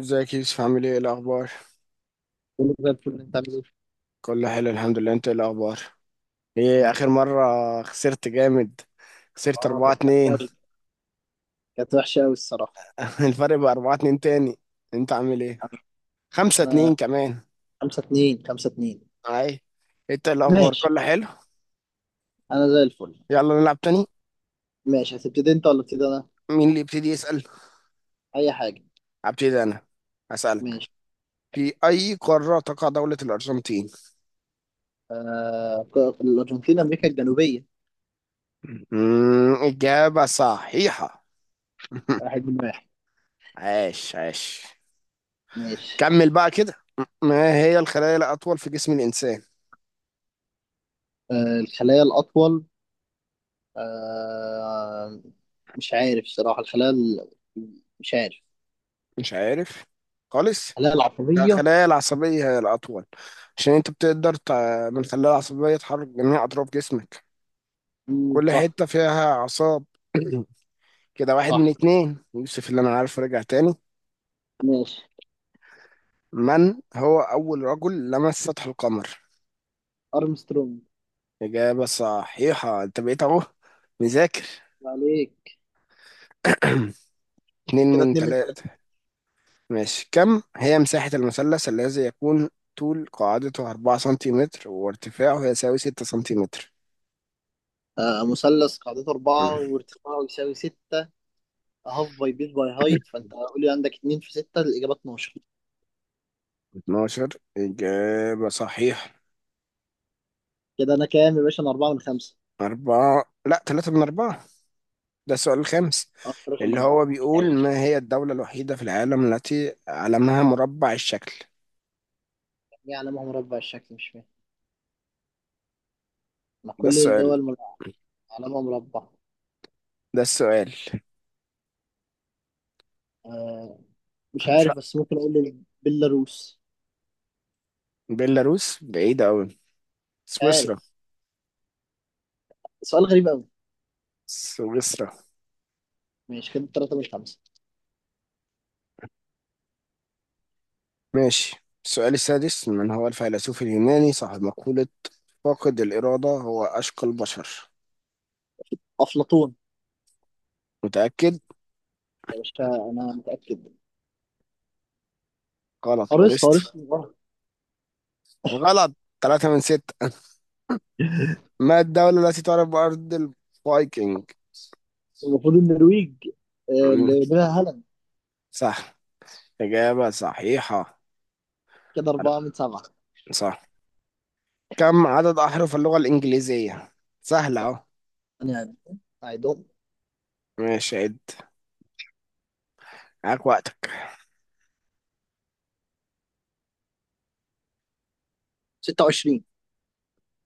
ازيك يا يوسف، عامل ايه، إيه الاخبار؟ كله زي الفل. اللي انت عامل ايه؟ كله حلو الحمد لله. انت ايه الاخبار؟ ايه، الحمد اخر لله. مره خسرت جامد. خسرت اه، 4 كانت وحشة 2 أوي. كانت وحشة أوي الصراحة. الفرق بقى 4-2 تاني. انت عامل ايه؟ 5 أنا 2 كمان. خمسة اتنين. اي، انت إيه الاخبار؟ ماشي، كله حلو. أنا زي الفل. يلا نلعب تاني. ماشي، هتبتدي أنت ولا أبتدي أنا؟ مين اللي يبتدي يسال؟ أي حاجة. ابتدي انا. هسالك: ماشي. في اي قاره تقع دوله الارجنتين؟ الأرجنتين، أمريكا الجنوبية. اجابه صحيحه. واحد من واحد. عاش عاش. ماشي. كمل بقى كده. ما هي الخلايا الأطول في جسم الإنسان؟ الخلايا الأطول. آه... مش عارف الصراحة. مش عارف. مش عارف خالص. الخلايا لا، العصبية. خلايا العصبية هي الأطول. عشان أنت بتقدر من الخلايا العصبية تحرك جميع أطراف جسمك. مم، كل صح. حتة فيها أعصاب. كده واحد من صح. اتنين يوسف، اللي أنا عارفه رجع تاني. ماشي. من هو أول رجل لمس سطح القمر؟ أرمسترونج. إجابة صحيحة، أنت بقيت أهو مذاكر. عليك. اتنين كده من اتنين من. تلاتة. ماشي، كم هي مساحة المثلث الذي يكون طول قاعدته أربعة سنتيمتر وارتفاعه يساوي ستة سنتيمتر؟ آه، مثلث قاعدته أربعة وارتفاعه يساوي ستة. هاف باي بيت باي هايت، فأنت قول لي عندك اتنين في ستة، الإجابة 12. 12 إجابة صحيحة. كده أنا كام يا باشا؟ أنا أربعة من خمسة. أربعة، لا، ثلاثة من أربعة. ده السؤال الخامس، أه، رقم من اللي أربعة. هو بيقول: أيوة. ما هي الدولة الوحيدة في العالم التي علمها مربع الشكل؟ ليه علامة مربع الشكل؟ مش فاهم. ما ده كل السؤال الدول مر- علامة مربع. ده السؤال. آه، مش ش- عارف، بس ممكن أقول بيلاروس. بيلاروس بعيدة أوي. مش سويسرا. عارف، سؤال غريب أوي. سويسرا. ماشي، كده تلاتة من خمسة. ماشي، السؤال السادس: من هو الفيلسوف اليوناني صاحب مقولة فاقد الإرادة هو أشقى البشر؟ أفلاطون. متأكد؟ يا باشا، أنا متأكد. غلط، أرسطو أورست، أرسطو غلط. ثلاثة من ستة. ما الدولة التي تعرف بأرض الفايكنج؟ المفروض النرويج، آه، مم. اللي منها هالاند. صح، إجابة صحيحة. كده أربعة من سبعة. صح، كم عدد أحرف اللغة الإنجليزية؟ سهلة أهو. يعني أعيدهم. ماشي، عد، معاك وقتك. 26.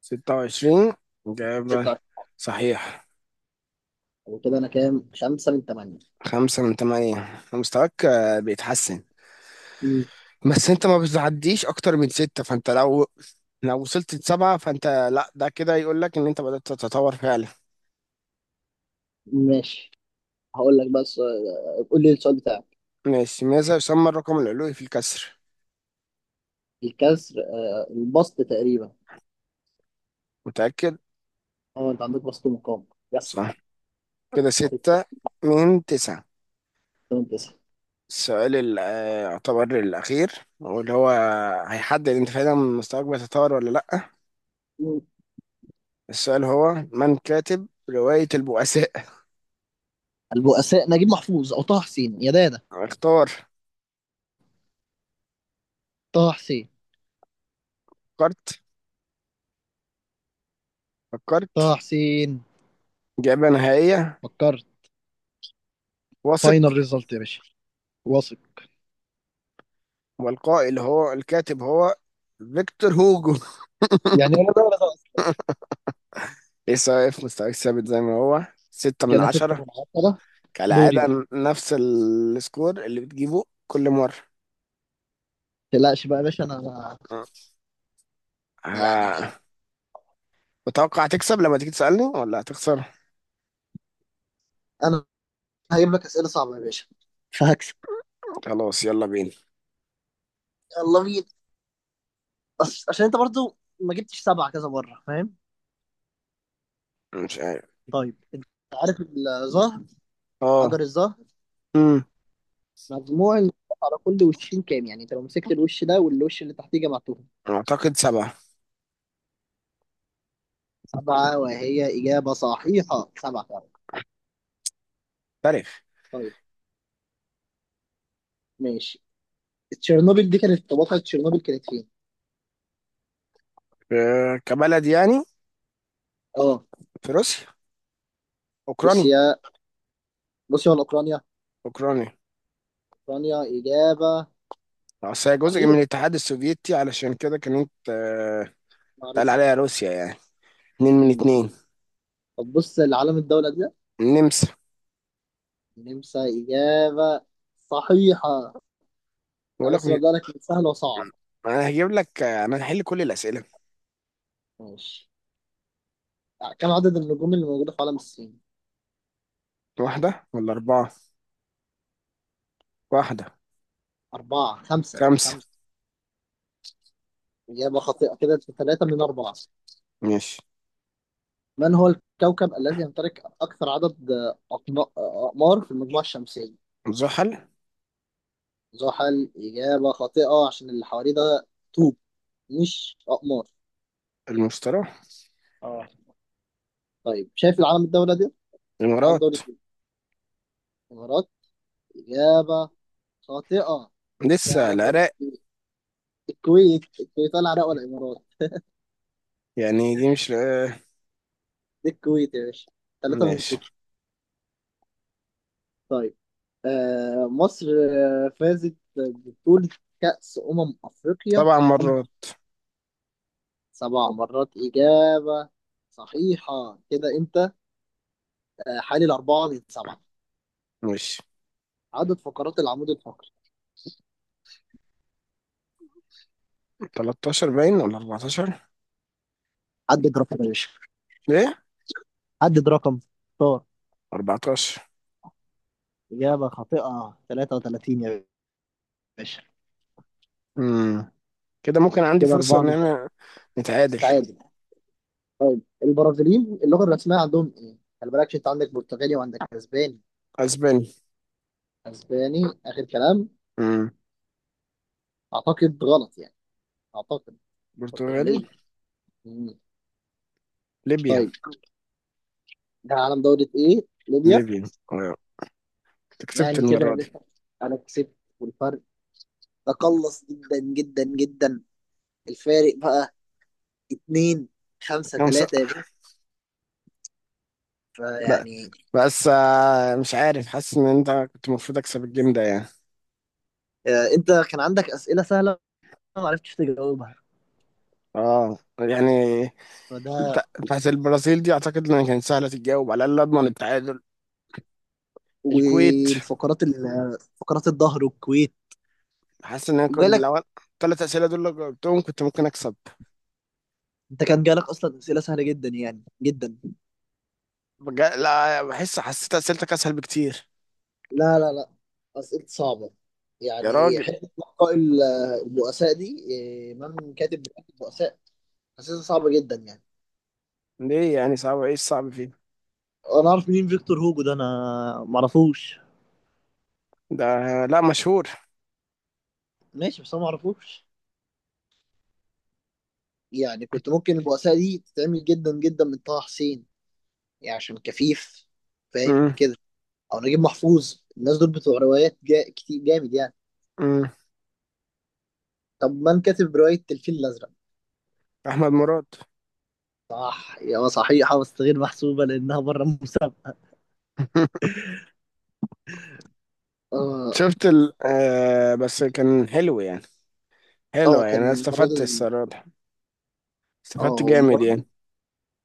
ستة وعشرين، إجابة 26 صحيح. وكده أنا كام؟ 5 من 8. خمسة من تمانية. مستواك بيتحسن. مم. بس أنت ما بتعديش أكتر من ستة، فأنت لو وصلت لسبعة فأنت، لا، ده كده يقول لك إن أنت بدأت تتطور فعلا. ماشي. هقول لك، بس آه، قول لي السؤال بتاعك. ماشي، ماذا يسمى الرقم العلوي في الكسر؟ الكسر، آه، البسط تقريبا. متأكد؟ اه، انت عندك بسط مقام. يس. صح، كده ستة من تسعة. 8 9. السؤال يعتبر الأخير، واللي هو هيحدد أنت فعلا مستواك بيتطور ولا لأ. السؤال هو: من كاتب رواية البؤساء؟ البؤساء، نجيب محفوظ او طه حسين يا دادا. اختار. طه حسين. فكرت؟ طه فكرت؟ حسين. إجابة نهائية؟ فكرت. فاينل واثق؟ ريزلت يا باشا. واثق. والقائل، اللي هو الكاتب، هو فيكتور هوجو. يعني ولا ده ولا ده اصلا. لسه واقف، مستواك ثابت زي ما هو، ستة من كان 6 عشرة من 10. دوري بقى. كالعادة. نفس السكور اللي بتجيبه كل مرة. ما تقلقش بقى يا باشا، انا يعني ها، متوقع تكسب لما تيجي تسألني ولا هتخسر؟ انا هجيب لك اسئله صعبه يا باشا، فهكسب. خلاص، يلا بينا. الله، مين؟ بس عشان انت برضو ما جبتش سبعة كذا مرة، فاهم؟ مش عارف. طيب انت عارف الظهر، اه. حجر الظهر، امم. مجموع النقاط على كل وشين كام يعني؟ انت لو مسكت الوش ده والوش اللي تحتيه جمعتهم. اعتقد سبعة. سبعة، وهي إجابة صحيحة، سبعة فعلا. تاريخ. طيب ماشي. تشيرنوبل دي كانت، طب واقعة تشيرنوبل كانت فين؟ كبلد يعني؟ اه. في روسيا. اوكراني. روسيا. روسيا ولا أوكرانيا؟ اوكراني. أوكرانيا، إجابة اصل هي جزء من صحيحة. الاتحاد السوفيتي، علشان كده كانت مع اتقال روسيا. عليها روسيا يعني. اتنين من مم. اتنين. طب بص لعلم الدولة دي. النمسا. النمسا، إجابة صحيحة. بقول أنا لك بس ببدأ لك من سهل وصعب. انا هجيب لك، انا هحل كل الاسئله. ماشي. يعني كم عدد النجوم اللي موجودة في عالم السين؟ واحده ولا اربعه؟ واحده. أربعة. خمسه. خمسة. إجابة خاطئة، كده في ثلاثة من أربعة. ماشي. من هو الكوكب الذي يمتلك أكثر عدد أقمار في المجموعة الشمسية؟ زحل. زحل، إجابة خاطئة، عشان اللي حواليه ده طوب، مش أقمار. المشتري. اه. طيب، شايف العلم الدولة دي؟ علم الامارات. دولة الإمارات، إجابة خاطئة، ده لسه، علم دولة العراق. الكويت. الكويت، الكويت ولا العراق ولا الإمارات. يعني دي مش دي الكويت يا باشا، ثلاثة من ماشي. ستة. طيب. آه، مصر آه، فازت ببطولة كأس أمم أفريقيا سبع قبل مرات. سبع مرات. إجابة صحيحة. كده أنت آه، حالي الأربعة من سبعة. ماشي. عدد فقرات العمود الفقري. 13 باين ولا 14؟ عدد رقم يا باشا، عدد رقم. اختار. 14. إجابة خاطئة، 33 يا باشا. امم. كده ممكن عندي كده فرصة أربعة ان من سبعة، انا نتعادل. تعادل. طيب، البرازيليين اللغة الرسمية عندهم إيه؟ خلي بالك، عشان أنت عندك برتغالي وعندك أسباني. اسباني. أسباني آخر كلام. امم. أعتقد غلط يعني، أعتقد برتغالي. برتغالية. ليبيا طيب، ده عالم دورة ايه؟ ليبيا. ليبيا. آه، أنت كسبت يعني كده يا المرة دي. باشا، انا كسبت. والفرق تقلص جدا. الفارق بقى اتنين. خمسة خمسة. تلاتة يا باشا. لا، فيعني، بس مش عارف، حاسس ان انت كنت المفروض اكسب الجيم ده يعني. آه، انت كان عندك اسئلة سهلة ما عرفتش تجاوبها، اه يعني. فده بتاعت البرازيل دي اعتقد ان كانت سهلة تتجاوب، على الاقل اضمن التعادل. الكويت. فقرات الظهر والكويت. حاسس ان انا كنت وجالك، لو الثلاث اسئلة دول لو جاوبتهم كنت ممكن اكسب. انت كان جالك اصلا اسئلة سهلة جدا يعني، جدا. لا، حسيت اسئلتك اسهل بكتير. لا، لا، لا، أسئلة صعبة يا يعني. راجل، البؤساء دي إيه، من كاتب بتاعت البؤساء؟ حاسسها صعبة جدا يعني. ليه يعني صعب؟ ايه الصعب فيه؟ انا اعرف مين فيكتور هوجو ده؟ انا معرفوش. ده، لا، مشهور. ماشي، بس انا معرفوش يعني. كنت ممكن البؤساء دي تتعمل جدا جدا من طه حسين يعني، عشان كفيف، فاهم امم. كده؟ او نجيب محفوظ. الناس دول بتوع روايات كتير جامد يعني. امم. طب من كاتب رواية الفيل الأزرق؟ احمد مراد. صح، يا صحيحة، بس غير محسوبة لأنها بره المسابقة. اه. شفت ال آه بس كان حلو يعني. حلو اه، يعني، كان انا المرة استفدت دي. الصراحه. استفدت اه، جامد المرة دي، يعني.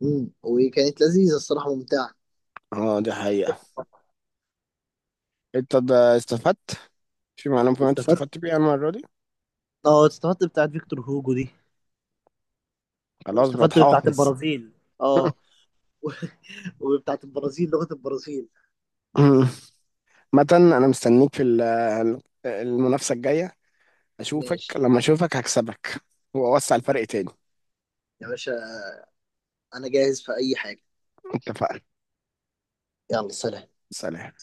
مم، وكانت لذيذة الصراحة، ممتعة. اه، دي حقيقه. انت ده استفدت في معلومه كمان، انت استفدت. استفدت بيها المره دي. اه، استفدت بتاعت فيكتور هوجو دي. خلاص، بقت واستفدت بتاعت حافظ. البرازيل. اه. وبتاعت البرازيل، لغة البرازيل. متن، انا مستنيك في المنافسه الجايه. اشوفك ماشي لما اشوفك، هكسبك. واوسع الفرق تاني. يا باشا، انا جاهز في اي حاجة. اتفقنا. يلا، سلام. سلام.